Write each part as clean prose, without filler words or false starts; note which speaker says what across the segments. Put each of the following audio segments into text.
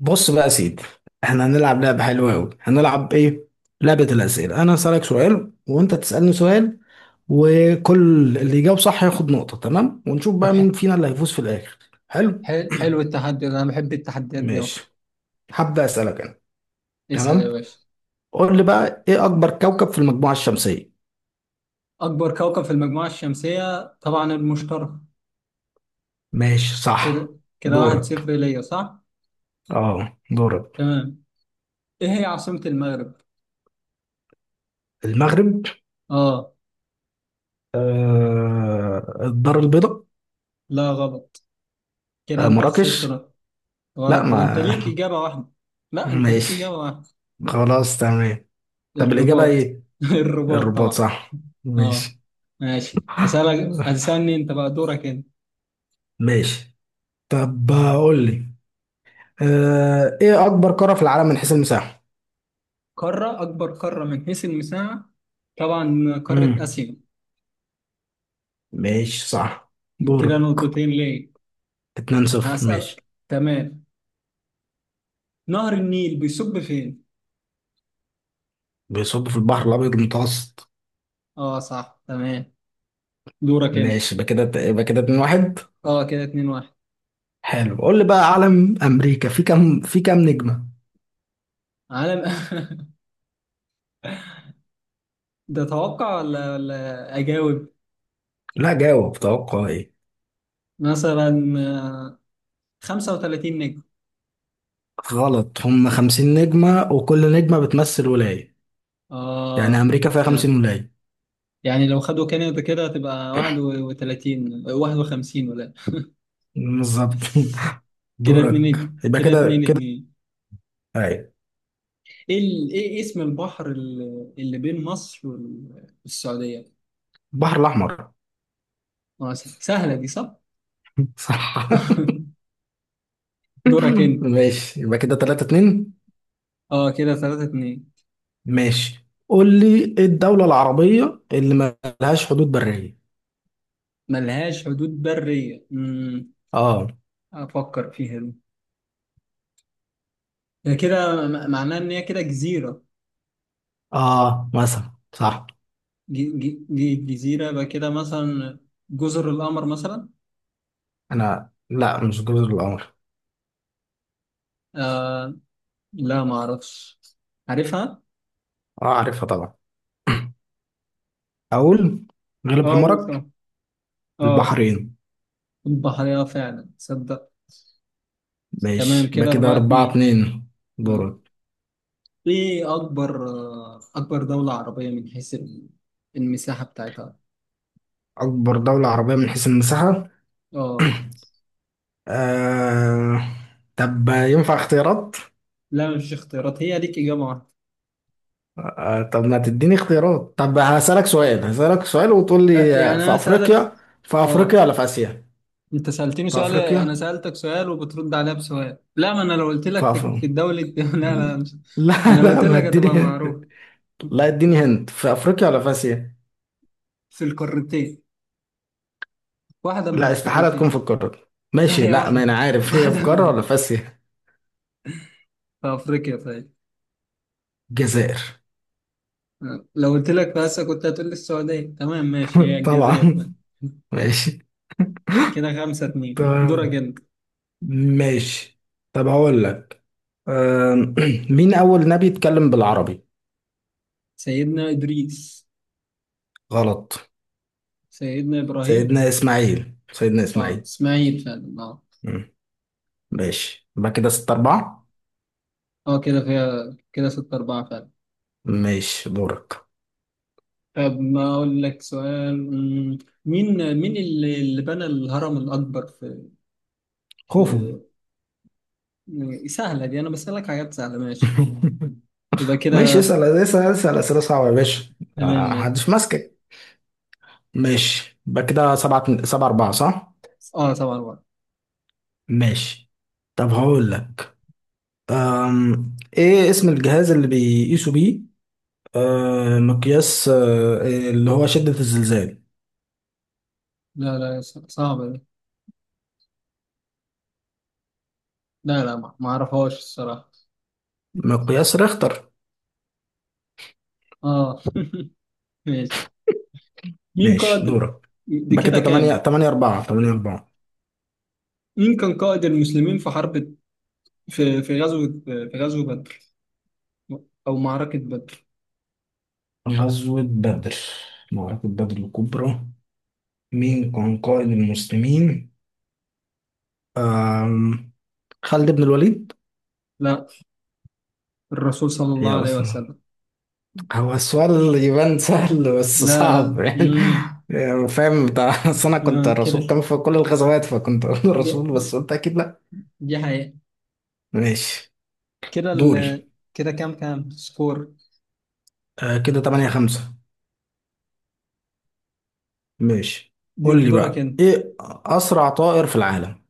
Speaker 1: بص بقى يا سيدي، احنا هنلعب لعبة حلوة أوي. هنلعب ايه؟ لعبة الأسئلة. أنا هسألك سؤال وأنت تسألني سؤال، وكل اللي يجاوب صح ياخد نقطة. تمام؟ ونشوف
Speaker 2: طب
Speaker 1: بقى مين فينا اللي هيفوز في الآخر. حلو؟
Speaker 2: حلو التحدي ده انا بحب التحديات دي أوي.
Speaker 1: ماشي، هبدأ أسألك أنا.
Speaker 2: اسأل يا
Speaker 1: تمام؟
Speaker 2: باشا.
Speaker 1: قول لي بقى، ايه أكبر كوكب في المجموعة الشمسية؟
Speaker 2: اكبر كوكب في المجموعة الشمسية طبعا المشترك.
Speaker 1: ماشي، صح.
Speaker 2: كده واحد صفر
Speaker 1: دورك.
Speaker 2: ليا، صح؟
Speaker 1: اه، دورك.
Speaker 2: تمام. ايه هي عاصمة المغرب؟
Speaker 1: المغرب.
Speaker 2: اه
Speaker 1: الدار البيضاء.
Speaker 2: لا غلط. كده انت خسرت
Speaker 1: مراكش.
Speaker 2: نقطة. غلط
Speaker 1: لا،
Speaker 2: برضه، انت ليك
Speaker 1: ما
Speaker 2: اجابة واحدة. لا انت ليك اجابة
Speaker 1: ماشي،
Speaker 2: واحدة.
Speaker 1: خلاص، تمام. طب الإجابة
Speaker 2: الرباط
Speaker 1: ايه؟
Speaker 2: الرباط
Speaker 1: الرباط.
Speaker 2: طبعا.
Speaker 1: صح.
Speaker 2: اه
Speaker 1: ماشي.
Speaker 2: ماشي، اسألك هتسألني انت بقى، دورك انت.
Speaker 1: ماشي، طب قول لي، ايه اكبر قارة في العالم من حيث المساحة.
Speaker 2: قارة، اكبر قارة من حيث المساحة طبعا قارة
Speaker 1: امم،
Speaker 2: اسيا.
Speaker 1: ماشي، صح.
Speaker 2: كده
Speaker 1: دورك.
Speaker 2: نقطتين ليا.
Speaker 1: 2 0.
Speaker 2: هسألك.
Speaker 1: ماشي.
Speaker 2: تمام. نهر النيل بيصب فين؟
Speaker 1: بيصب في البحر الابيض المتوسط.
Speaker 2: اه صح تمام. دورك انت.
Speaker 1: ماشي، يبقى كده 2 1.
Speaker 2: اه كده اتنين واحد.
Speaker 1: حلو، قول لي بقى، علم امريكا في كام نجمة؟
Speaker 2: عالم ده توقع ولا اجاوب؟
Speaker 1: لا، جاوب. توقع ايه؟
Speaker 2: مثلا آه، 35 نجم.
Speaker 1: غلط، هم 50 نجمة، وكل نجمة بتمثل ولاية. يعني
Speaker 2: اه
Speaker 1: امريكا فيها
Speaker 2: فعلا.
Speaker 1: 50 ولاية.
Speaker 2: يعني لو خدوا كندا كده هتبقى 31 51 ولا؟
Speaker 1: بالظبط.
Speaker 2: كده
Speaker 1: دورك.
Speaker 2: اتنين
Speaker 1: يبقى
Speaker 2: كده
Speaker 1: كده
Speaker 2: اتنين
Speaker 1: كده
Speaker 2: اتنين.
Speaker 1: اي.
Speaker 2: ايه اسم البحر اللي بين مصر والسعودية؟
Speaker 1: البحر الاحمر.
Speaker 2: سهلة دي، صح؟
Speaker 1: صح.
Speaker 2: دورك انت.
Speaker 1: ماشي، يبقى كده 3 2.
Speaker 2: اه كده ثلاثة اتنين.
Speaker 1: ماشي، قول لي ايه الدولة العربية اللي ما لهاش حدود برية.
Speaker 2: ملهاش حدود برية،
Speaker 1: اه،
Speaker 2: افكر فيها دي. ده كده معناه ان هي كده جزيرة.
Speaker 1: اه، مثلا صح.
Speaker 2: جزيرة يبقى كده مثلا. جزر القمر مثلا.
Speaker 1: انا لا، مش جزر القمر.
Speaker 2: آه لا ما اعرفش، عارفها.
Speaker 1: اه، عارفها طبعا. اقول، غلب
Speaker 2: اه قول
Speaker 1: حمارك.
Speaker 2: طبعا. اه
Speaker 1: البحرين.
Speaker 2: البحرية فعلا تصدق. تمام
Speaker 1: ماشي، يبقى
Speaker 2: كده
Speaker 1: كده
Speaker 2: أربعة
Speaker 1: 4
Speaker 2: اتنين.
Speaker 1: 2.
Speaker 2: اه
Speaker 1: دورك.
Speaker 2: ايه اكبر اكبر دولة عربية من حيث المساحة بتاعتها؟
Speaker 1: اكبر دولة عربية من حيث المساحة.
Speaker 2: اه
Speaker 1: آه... طب ينفع اختيارات؟
Speaker 2: لا مش اختيارات، هي ليك اجابة واحدة.
Speaker 1: طب ما تديني اختيارات. طب هسألك سؤال، وتقول لي،
Speaker 2: يعني
Speaker 1: في
Speaker 2: انا سألك.
Speaker 1: أفريقيا. في أفريقيا
Speaker 2: اه
Speaker 1: ولا في آسيا؟
Speaker 2: انت سألتني
Speaker 1: في
Speaker 2: سؤال انا
Speaker 1: أفريقيا.
Speaker 2: سألتك سؤال وبترد عليها بسؤال. لا ما انا لو قلت لك
Speaker 1: في
Speaker 2: في, في
Speaker 1: أفريقيا.
Speaker 2: الدولة لا. لا مش ما انا
Speaker 1: لا،
Speaker 2: لو
Speaker 1: لا،
Speaker 2: قلت
Speaker 1: ما
Speaker 2: لك هتبقى
Speaker 1: اديني.
Speaker 2: معروف.
Speaker 1: لا، اديني هند، في أفريقيا ولا في آسيا؟
Speaker 2: في القارتين، واحدة من
Speaker 1: لا استحالة تكون
Speaker 2: القارتين.
Speaker 1: في القارة.
Speaker 2: لا
Speaker 1: ماشي،
Speaker 2: هي
Speaker 1: لا، ما
Speaker 2: واحدة.
Speaker 1: أنا عارف هي في
Speaker 2: واحدة
Speaker 1: قارة
Speaker 2: من.
Speaker 1: ولا في آسيا.
Speaker 2: في افريقيا طيب.
Speaker 1: الجزائر.
Speaker 2: لو قلت لك في اسيا كنت هتقول لي السعودية. تمام ماشي، هي
Speaker 1: طبعا.
Speaker 2: الجزائر طيب.
Speaker 1: ماشي.
Speaker 2: كده خمسة اتنين، دورك
Speaker 1: تمام.
Speaker 2: انت.
Speaker 1: ماشي، طب هقول لك. آم، مين أول نبي اتكلم بالعربي؟
Speaker 2: سيدنا ادريس.
Speaker 1: غلط.
Speaker 2: سيدنا ابراهيم.
Speaker 1: سيدنا إسماعيل، سيدنا
Speaker 2: اه
Speaker 1: إسماعيل.
Speaker 2: اسماعيل فعلا اه.
Speaker 1: ماشي، يبقى كده ستة أربعة.
Speaker 2: اه كده فيها كده ستة أربعة فعلا.
Speaker 1: ماشي، دورك.
Speaker 2: طب ما أقول لك سؤال، مين اللي بنى الهرم الأكبر في
Speaker 1: خوفو.
Speaker 2: في؟ سهلة دي، أنا بسألك حاجات سهلة ماشي يبقى
Speaker 1: ماشي،
Speaker 2: كده.
Speaker 1: اسأل اسأل اسأل أسئلة صعبة يا باشا.
Speaker 2: تمام ماشي.
Speaker 1: محدش ماسكك. ماشي، يبقى كده سبعة أربعة، صح؟
Speaker 2: أه طبعا بقى.
Speaker 1: ماشي، طب هقول لك. إيه اسم الجهاز اللي بيقيسوا بيه مقياس اللي هو شدة الزلزال؟
Speaker 2: لا لا صعبة دي. لا لا ما أعرفهاش الصراحة.
Speaker 1: مقياس ريختر.
Speaker 2: أه ماشي. مين
Speaker 1: ماشي،
Speaker 2: قائد؟
Speaker 1: دورك.
Speaker 2: دي
Speaker 1: يبقى
Speaker 2: كده
Speaker 1: كده
Speaker 2: كام؟
Speaker 1: تمانية أربعة، تمانية أربعة.
Speaker 2: مين كان قائد المسلمين في حرب، في غزوة بدر أو معركة بدر؟
Speaker 1: غزوة بدر، معركة بدر الكبرى. مين كان قائد المسلمين؟ أم خالد بن الوليد؟
Speaker 2: لا، الرسول صلى
Speaker 1: هي
Speaker 2: الله عليه
Speaker 1: أصلا
Speaker 2: وسلم.
Speaker 1: هو السؤال يبان سهل بس
Speaker 2: لا
Speaker 1: صعب
Speaker 2: لا
Speaker 1: يعني.
Speaker 2: مم.
Speaker 1: يعني فاهم بتاع، أصل أنا كنت
Speaker 2: آه
Speaker 1: الرسول كان في كل الغزوات، فكنت أقول الرسول، بس
Speaker 2: كده.
Speaker 1: قلت أكيد لأ.
Speaker 2: دي حقيقة.
Speaker 1: ماشي.
Speaker 2: كده ال...
Speaker 1: دوري.
Speaker 2: كده كام؟ كام سكور؟
Speaker 1: كده تمانية خمسة. ماشي،
Speaker 2: دي
Speaker 1: قول لي
Speaker 2: دورك
Speaker 1: بقى
Speaker 2: انت.
Speaker 1: إيه أسرع طائر في العالم؟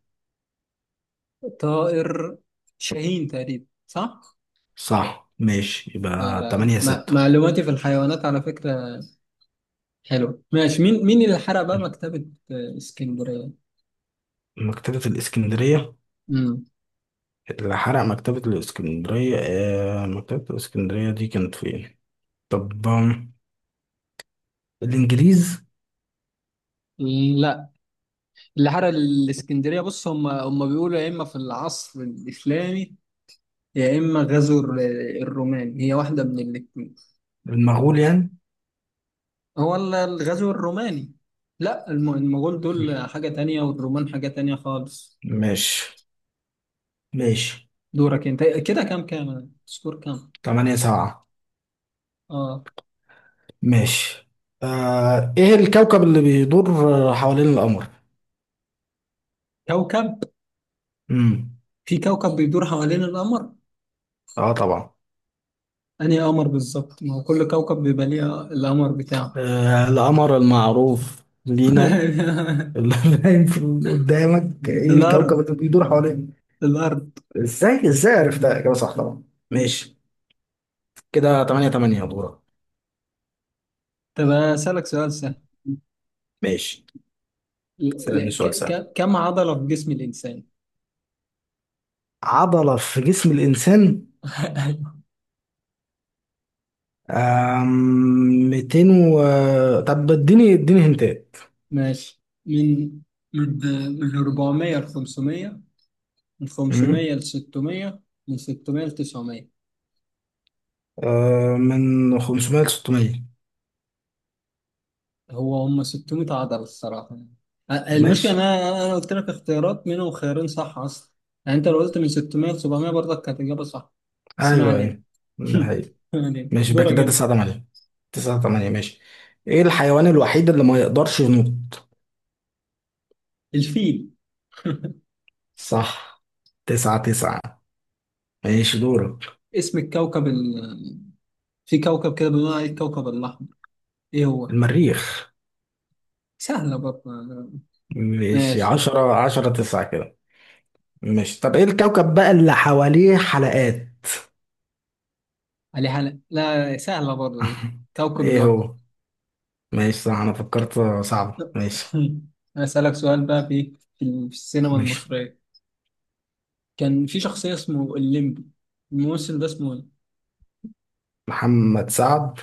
Speaker 2: طائر شاهين تقريبا صح؟
Speaker 1: صح. ماشي،
Speaker 2: اه
Speaker 1: يبقى
Speaker 2: لا
Speaker 1: تمانية
Speaker 2: ما...
Speaker 1: ستة.
Speaker 2: معلوماتي في الحيوانات على فكرة حلوة. ماشي. مين اللي حرق بقى مكتبة اسكندرية؟
Speaker 1: مكتبة الإسكندرية.
Speaker 2: امم
Speaker 1: اللي حرق مكتبة الإسكندرية، مكتبة الإسكندرية دي كانت فين؟ طب، الإنجليز.
Speaker 2: لا اللي حرق الاسكندرية، بص هم بيقولوا يا اما في العصر الإسلامي يا اما غزو الروماني. هي واحدة من الاتنين.
Speaker 1: المغول يعني.
Speaker 2: هو الغزو الروماني. لا المغول دول حاجة تانية والرومان حاجة تانية خالص.
Speaker 1: ماشي. ماشي،
Speaker 2: دورك انت. كده كام؟ كام سكور كام؟
Speaker 1: تمانية سبعة.
Speaker 2: اه.
Speaker 1: ماشي. إيه الكوكب اللي بيدور حوالين القمر؟
Speaker 2: كوكب،
Speaker 1: مم.
Speaker 2: في كوكب بيدور حوالين القمر؟
Speaker 1: آه طبعا.
Speaker 2: انهي قمر بالظبط؟ ما هو كل كوكب بيبقى ليه القمر بتاعه.
Speaker 1: القمر المعروف لينا. اللي باين قدامك، إيه الكوكب
Speaker 2: الارض،
Speaker 1: اللي بيدور حوالين؟
Speaker 2: الارض.
Speaker 1: إزاي إزاي عرفتها؟ إجابة صح طبعا. ماشي، كده تمانية تمانية. دورك.
Speaker 2: طب اسالك سؤال سهل.
Speaker 1: ماشي، سألني سؤال سهل.
Speaker 2: كم عضلة في جسم الانسان؟
Speaker 1: عضلة في جسم الإنسان. 200 و... طب اديني هنتات.
Speaker 2: ماشي. من من 400 ل 500، من
Speaker 1: أمم.
Speaker 2: 500 ل 600، من 600 ل 900.
Speaker 1: من 500 ل 600.
Speaker 2: هو هم 600 عضلة الصراحة يعني. المشكلة
Speaker 1: ماشي.
Speaker 2: إن أنا قلت لك اختيارات منهم خيارين صح أصلا. يعني أنت لو قلت من 600 ل 700 برضك كانت إجابة صح. بس ما
Speaker 1: ايوه،
Speaker 2: علينا.
Speaker 1: ايوه. هي.
Speaker 2: ما علينا،
Speaker 1: ماشي، يبقى
Speaker 2: دورك
Speaker 1: كده
Speaker 2: أنت.
Speaker 1: 9 8. 9 8. ماشي. ايه الحيوان الوحيد اللي ما يقدرش ينط؟
Speaker 2: الفيل.
Speaker 1: صح. 9 9. ماشي، دورك.
Speaker 2: اسم الكوكب ال...، في كوكب كده بنقول عليه الكوكب الأحمر، إيه هو؟
Speaker 1: المريخ.
Speaker 2: سهلة برضه.
Speaker 1: ماشي،
Speaker 2: ماشي.
Speaker 1: 10 10 9 كده. ماشي، طب ايه الكوكب بقى اللي حواليه حلقات؟
Speaker 2: علي حلق، لا سهلة برضه دي. كوكب
Speaker 1: ايه
Speaker 2: زهر.
Speaker 1: هو؟ ماشي، صح، انا
Speaker 2: ك...
Speaker 1: فكرت صعب. ماشي.
Speaker 2: أسألك سؤال بقى، في السينما
Speaker 1: ماشي.
Speaker 2: المصرية كان في شخصية اسمه الليمبي، الممثل ده اسمه ايه؟
Speaker 1: محمد سعد.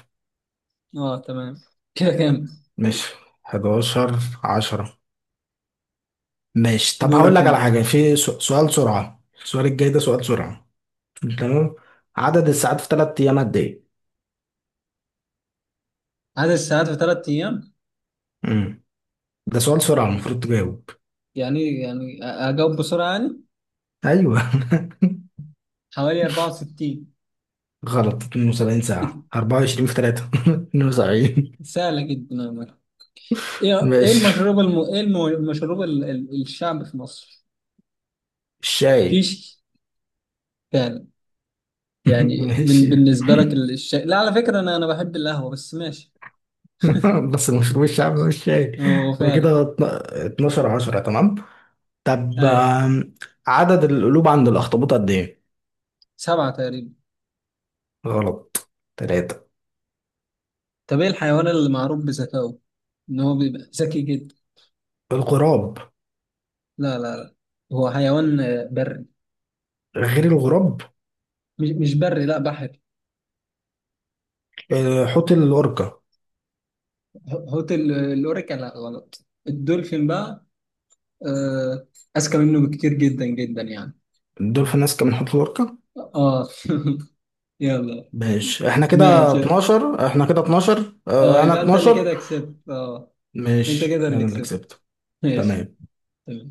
Speaker 2: اه تمام. كده كام؟
Speaker 1: ماشي، 11 10. ماشي، طب هقول
Speaker 2: دورك
Speaker 1: لك على
Speaker 2: انت.
Speaker 1: حاجة. في سؤال سرعة. السؤال الجاي ده سؤال سرعة. تمام. عدد الساعات في ثلاث أيام قد إيه؟
Speaker 2: عدد الساعات في ثلاث ايام؟
Speaker 1: امم ده سؤال سرعة، المفروض تجاوب.
Speaker 2: يعني اجاوب بسرعة يعني؟
Speaker 1: أيوه.
Speaker 2: حوالي 64.
Speaker 1: غلط. 72 ساعة. 24 في 3، 72.
Speaker 2: سهلة جدا يا مرة. ايه
Speaker 1: ماشي.
Speaker 2: المشروب الم...، ايه الم... المشروب ال... ال... الشعب في مصر؟
Speaker 1: الشاي.
Speaker 2: فيش. فعلا. يعني من...
Speaker 1: ماشي.
Speaker 2: بالنسبة لك الشاي، لا على فكرة انا بحب القهوة بس ماشي.
Speaker 1: بس المشروب الشعبي مش شاي؟
Speaker 2: هو
Speaker 1: يبقى
Speaker 2: فعلا.
Speaker 1: كده 12 10. تمام. طب،
Speaker 2: ايه.
Speaker 1: عدد القلوب عند الأخطبوط قد إيه؟
Speaker 2: سبعة تقريبا.
Speaker 1: غلط. تلاتة.
Speaker 2: طب ايه الحيوان اللي معروف بذكائه؟ ان هو بيبقى ذكي جدا.
Speaker 1: الغراب.
Speaker 2: لا لا لا. هو حيوان بري.
Speaker 1: غير الغراب.
Speaker 2: مش بري، لا بحري.
Speaker 1: حوت الأوركا.
Speaker 2: حوت الاوريكا، لا غلط، الدولفين بقى. آه، اذكى منه بكتير جدا جدا يعني.
Speaker 1: الدولفين أذكى من حوت الأوركا.
Speaker 2: اه يلا.
Speaker 1: ماشي، احنا كده
Speaker 2: ماشي.
Speaker 1: 12، احنا كده 12،
Speaker 2: اه
Speaker 1: اه انا
Speaker 2: يبقى انت اللي
Speaker 1: 12.
Speaker 2: كده كسبت. اه انت
Speaker 1: ماشي،
Speaker 2: كده اللي
Speaker 1: انا اللي
Speaker 2: كسبت.
Speaker 1: كسبت.
Speaker 2: ماشي
Speaker 1: تمام.
Speaker 2: تمام.